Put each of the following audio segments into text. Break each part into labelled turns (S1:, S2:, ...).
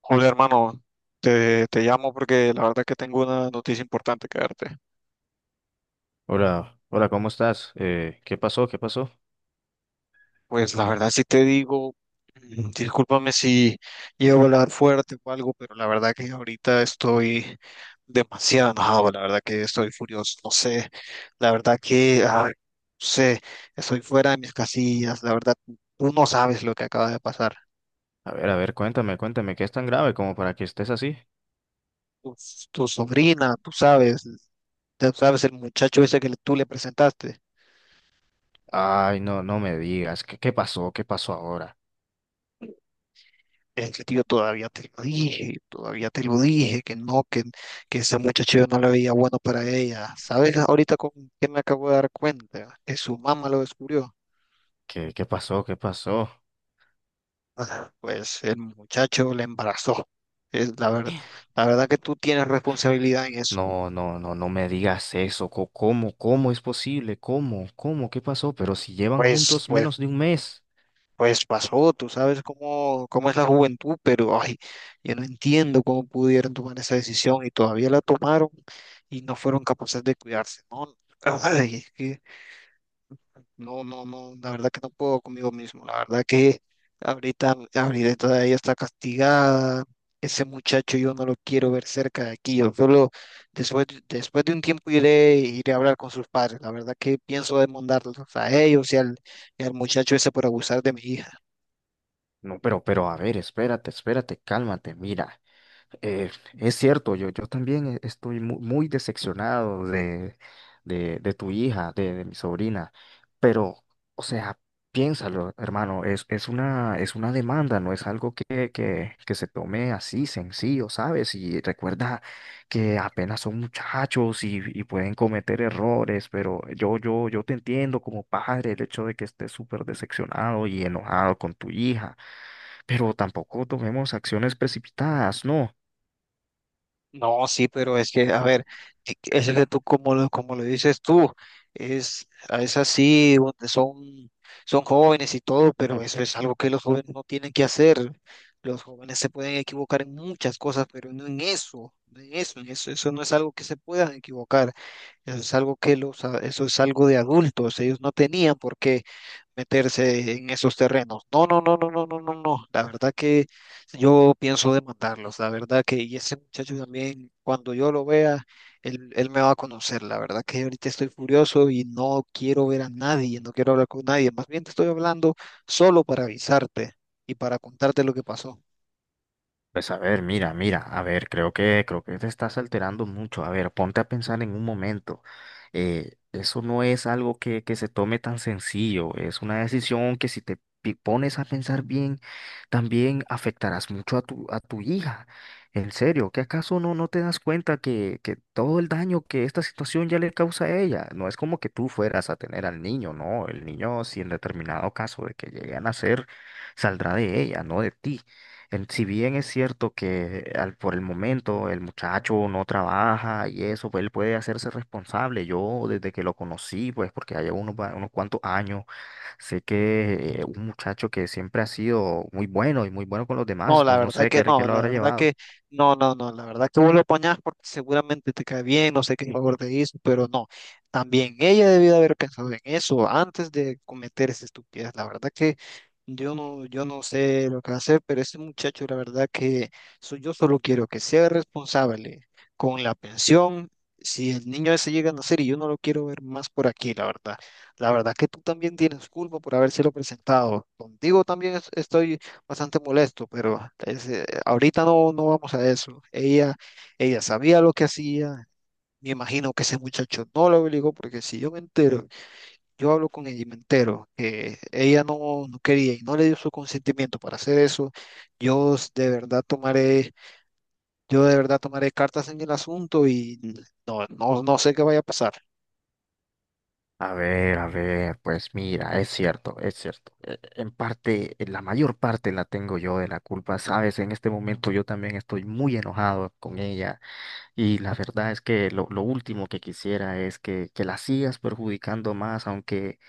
S1: Hola, hermano, te llamo porque la verdad que tengo una noticia importante que darte.
S2: Hola, hola, ¿cómo estás? ¿Qué pasó? ¿Qué pasó?
S1: Pues la verdad si te digo, discúlpame si llevo a hablar fuerte o algo, pero la verdad que ahorita estoy demasiado enojado, la verdad que estoy furioso, no sé, la verdad que, no sé, estoy fuera de mis casillas, la verdad, tú no sabes lo que acaba de pasar.
S2: A ver, cuéntame, cuéntame, ¿qué es tan grave como para que estés así?
S1: Tu, tu sobrina, tú sabes el muchacho ese tú le presentaste.
S2: Ay, no, no me digas, ¿qué pasó? ¿Qué pasó ahora?
S1: Es que, tío, todavía te lo dije, todavía te lo dije, que no, que ese muchacho yo no le veía bueno para ella. ¿Sabes ahorita con qué me acabo de dar cuenta? Que su mamá lo descubrió.
S2: ¿Qué pasó? ¿Qué pasó?
S1: Pues el muchacho le embarazó. Es la verdad que tú tienes responsabilidad en eso.
S2: No, no, no, no me digas eso. ¿Cómo es posible? ¿Cómo, cómo? ¿Qué pasó? Pero si llevan
S1: Pues,
S2: juntos
S1: pues,
S2: menos de un mes.
S1: pues pasó, tú sabes cómo es la juventud, pero ay, yo no entiendo cómo pudieron tomar esa decisión y todavía la tomaron y no fueron capaces de cuidarse. No, ay, es que no, no, no, la verdad que no puedo conmigo mismo, la verdad que ahorita Abril todavía está castigada, ese muchacho yo no lo quiero ver cerca de aquí, yo solo después, después de un tiempo iré a hablar con sus padres, la verdad que pienso demandarlos a ellos y al muchacho ese por abusar de mi hija.
S2: No, pero, a ver, espérate, espérate, cálmate, mira. Eh, es cierto, yo también estoy muy decepcionado de tu hija, de mi sobrina, pero, o sea, piénsalo, hermano, es una demanda, no es algo que se tome así sencillo, ¿sabes? Y recuerda que apenas son muchachos y pueden cometer errores, pero yo te entiendo como padre, el hecho de que estés súper decepcionado y enojado con tu hija, pero tampoco tomemos acciones precipitadas, ¿no?
S1: No, sí, pero es que, a ver, es que tú, como lo dices tú, es, es así, son jóvenes y todo, pero eso es algo que los jóvenes no tienen que hacer. Los jóvenes se pueden equivocar en muchas cosas, pero no en eso, no en eso, en eso, eso no es algo que se puedan equivocar. Eso es algo que eso es algo de adultos. Ellos no tenían por qué meterse en esos terrenos. No, no, no, no, no, no, no, no. La verdad que yo pienso demandarlos. La verdad que, y ese muchacho también, cuando yo lo vea, él me va a conocer. La verdad que ahorita estoy furioso y no quiero ver a nadie, no quiero hablar con nadie. Más bien te estoy hablando solo para avisarte y para contarte lo que pasó.
S2: Pues a ver, mira, mira, a ver, creo que te estás alterando mucho. A ver, ponte a pensar en un momento. Eso no es algo que se tome tan sencillo. Es una decisión que, si te pones a pensar bien, también afectarás mucho a tu hija. En serio, ¿qué acaso no te das cuenta que todo el daño que esta situación ya le causa a ella? No es como que tú fueras a tener al niño, no. El niño, si en determinado caso de que lleguen a nacer, saldrá de ella, no de ti. Si bien es cierto que, por el momento, el muchacho no trabaja y eso, pues él puede hacerse responsable. Yo, desde que lo conocí, pues porque ya llevo unos cuantos años, sé que, un muchacho que siempre ha sido muy bueno y muy bueno con los
S1: No,
S2: demás,
S1: la
S2: no, no
S1: verdad
S2: sé
S1: que
S2: qué, qué
S1: no,
S2: lo
S1: la
S2: habrá
S1: verdad
S2: llevado.
S1: que no, no, no, la verdad que vos lo apañás porque seguramente te cae bien, no sé qué favor te hizo, pero no, también ella debió haber pensado en eso antes de cometer esa estupidez, la verdad que yo no, yo no sé lo que va a hacer, pero ese muchacho, la verdad que yo solo quiero que sea responsable con la pensión, si el niño ese llega a nacer y yo no lo quiero ver más por aquí, la verdad que tú también tienes culpa por habérselo presentado, contigo también estoy bastante molesto, pero es, ahorita no, no vamos a eso. Ella sabía lo que hacía. Me imagino que ese muchacho no lo obligó, porque si yo me entero, yo hablo con ella y me entero que ella no, no quería y no le dio su consentimiento para hacer eso, de verdad yo de verdad tomaré cartas en el asunto y no, no, no sé qué vaya a pasar.
S2: A ver, pues mira, es cierto, es cierto. En parte, la mayor parte la tengo yo de la culpa, ¿sabes? En este momento yo también estoy muy enojado con ella. Y la verdad es que lo último que quisiera es que la sigas perjudicando más, aunque,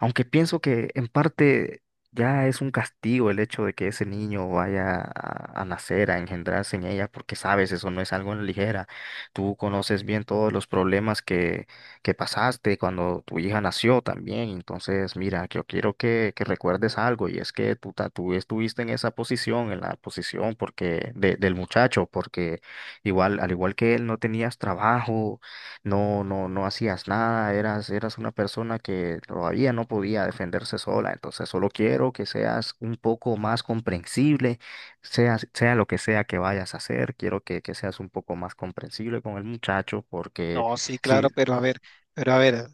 S2: aunque pienso que en parte ya es un castigo el hecho de que ese niño vaya a nacer, a engendrarse en ella, porque sabes, eso no es algo a la ligera. Tú conoces bien todos los problemas que pasaste cuando tu hija nació también. Entonces, mira, yo quiero que recuerdes algo, y es que tú estuviste en esa posición, en la posición porque, del muchacho, porque, igual, al igual que él, no tenías trabajo, no hacías nada, eras una persona que todavía no podía defenderse sola. Entonces, solo quiero que seas un poco más comprensible, sea lo que sea que vayas a hacer, quiero que seas un poco más comprensible con el muchacho, porque,
S1: No, sí,
S2: sí.
S1: claro, pero a ver, pero a ver.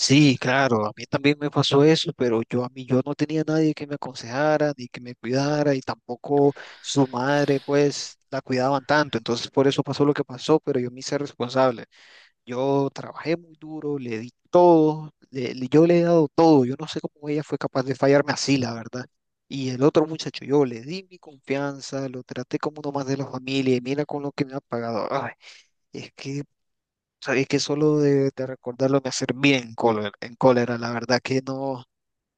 S1: Sí, claro, a mí también me pasó eso, pero yo a mí yo no tenía nadie que me aconsejara ni que me cuidara y tampoco su madre pues la cuidaban tanto, entonces por eso pasó lo que pasó, pero yo me hice responsable. Yo trabajé muy duro, le di todo, yo le he dado todo, yo no sé cómo ella fue capaz de fallarme así, la verdad. Y el otro muchacho, yo le di mi confianza, lo traté como uno más de la familia y mira con lo que me ha pagado. Ay, es que sabéis que solo de recordarlo me hace bien cólera, en cólera, la verdad que no,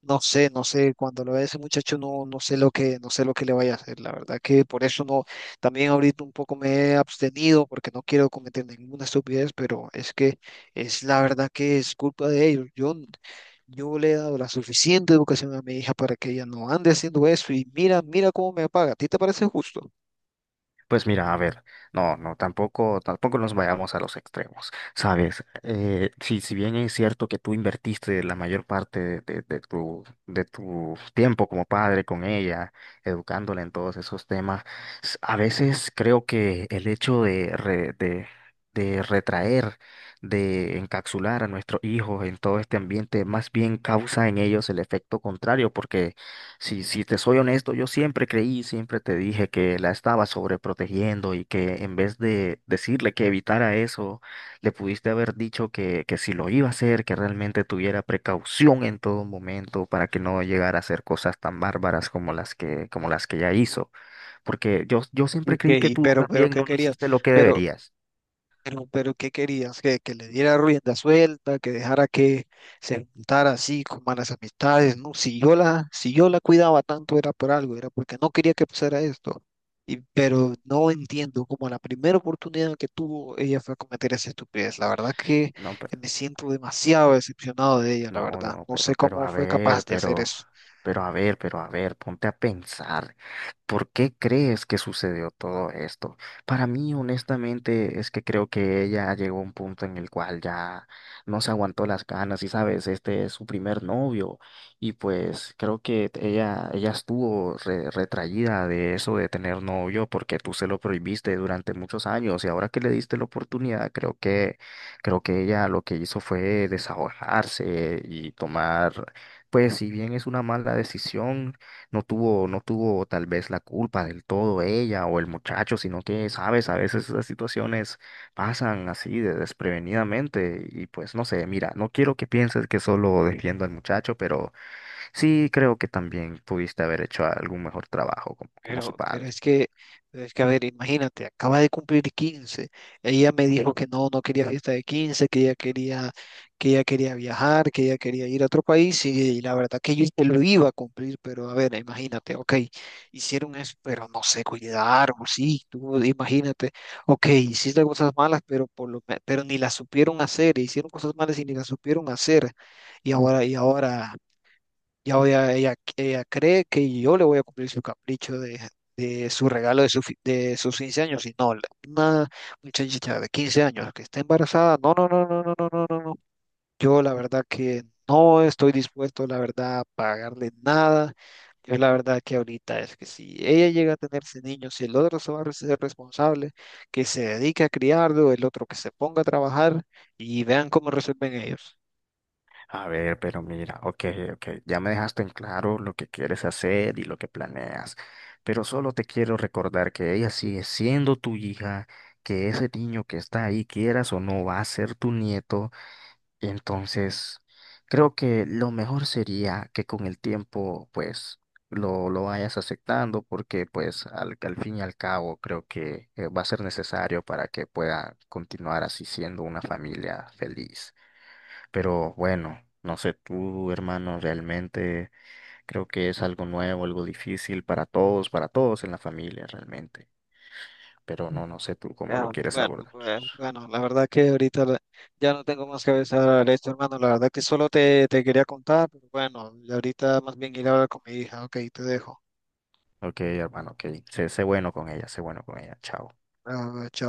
S1: no sé, no sé, cuando lo vea ese muchacho no, no sé lo que, no sé lo que le vaya a hacer, la verdad que por eso no, también ahorita un poco me he abstenido porque no quiero cometer ninguna estupidez, pero es que es la verdad que es culpa de ellos, yo le he dado la suficiente educación a mi hija para que ella no ande haciendo eso y mira, mira cómo me paga, ¿a ti te parece justo?
S2: Pues mira, a ver, no, no, tampoco nos vayamos a los extremos, ¿sabes? Si bien es cierto que tú invertiste la mayor parte de tu tiempo como padre con ella, educándola en todos esos temas, a veces creo que el hecho de, re- de retraer, de encapsular a nuestros hijos en todo este ambiente, más bien causa en ellos el efecto contrario, porque, si te soy honesto, yo siempre creí, siempre te dije que la estaba sobreprotegiendo y que, en vez de decirle que evitara eso, le pudiste haber dicho que si lo iba a hacer, que realmente tuviera precaución en todo momento para que no llegara a hacer cosas tan bárbaras como las que ya hizo. Porque yo siempre
S1: Ok,
S2: creí que tú
S1: pero
S2: también
S1: ¿qué
S2: no
S1: querías?
S2: hiciste lo que
S1: Pero
S2: deberías.
S1: Pero ¿qué querías? Que le diera rienda suelta, que dejara que se juntara así con malas amistades, ¿no? Si yo la, si yo la cuidaba tanto era por algo, era porque no quería que pasara esto. Y, pero no entiendo cómo a la primera oportunidad que tuvo ella fue a cometer esa estupidez. La verdad que
S2: No, pero,
S1: me siento demasiado decepcionado de ella, la
S2: no,
S1: verdad.
S2: no,
S1: No sé
S2: pero
S1: cómo
S2: a
S1: fue capaz
S2: ver,
S1: de hacer
S2: pero,
S1: eso.
S2: pero a ver, pero a ver, ponte a pensar. ¿Por qué crees que sucedió todo esto? Para mí, honestamente, es que creo que ella llegó a un punto en el cual ya no se aguantó las ganas y, sabes, este es su primer novio, y pues creo que ella estuvo retraída de eso de tener novio porque tú se lo prohibiste durante muchos años y, ahora que le diste la oportunidad, creo que ella lo que hizo fue desahogarse y tomar. Pues si bien es una mala decisión, no tuvo tal vez la culpa del todo ella o el muchacho, sino que, sabes, a veces esas situaciones pasan así, de desprevenidamente, y pues no sé, mira, no quiero que pienses que solo defiendo al muchacho, pero sí creo que también pudiste haber hecho algún mejor trabajo como su
S1: Pero, pero
S2: padre.
S1: es que, pero es que, a ver, imagínate, acaba de cumplir quince. Ella me dijo que no, no quería fiesta de quince, que ella quería viajar, que ella quería ir a otro país, y la verdad que yo te lo iba a cumplir, pero a ver, imagínate, ok, hicieron eso, pero no se cuidaron, sí, tú imagínate, ok, hiciste cosas malas, pero pero ni las supieron hacer, hicieron cosas malas y ni las supieron hacer, y ahora, y ahora. Ella, ella cree que yo le voy a cumplir su capricho de su regalo de, de sus 15 años. Y no, la- una muchacha de 15 años que está embarazada. No, no, no, no, no, no, no, no, no. Yo la verdad que no estoy dispuesto, la verdad, a pagarle nada. Yo la verdad que ahorita es que si ella llega a tener ese niño, si el otro se va a ser responsable, que se dedique a criarlo, el otro que se ponga a trabajar y vean cómo resuelven ellos.
S2: A ver, pero mira, ok, ok, ya me dejaste en claro lo que quieres hacer y lo que planeas, pero solo te quiero recordar que ella sigue siendo tu hija, que ese niño que está ahí, quieras o no, va a ser tu nieto. Entonces creo que lo mejor sería que, con el tiempo, pues, lo vayas aceptando, porque pues al fin y al cabo creo que, va a ser necesario para que pueda continuar así siendo una familia feliz. Pero bueno, no sé tú, hermano, realmente creo que es algo nuevo, algo difícil para todos en la familia, realmente. Pero no sé tú cómo lo
S1: Ya,
S2: quieres
S1: bueno,
S2: abordar.
S1: pues, bueno, la verdad que ahorita ya no tengo más que avisar a esto, hermano. La verdad que solo te quería contar, pero bueno, y ahorita más bien ir a hablar con mi hija. Ok, te dejo.
S2: Ok, hermano, ok. Sé bueno con ella, sé bueno con ella. Chao.
S1: Ah, chao.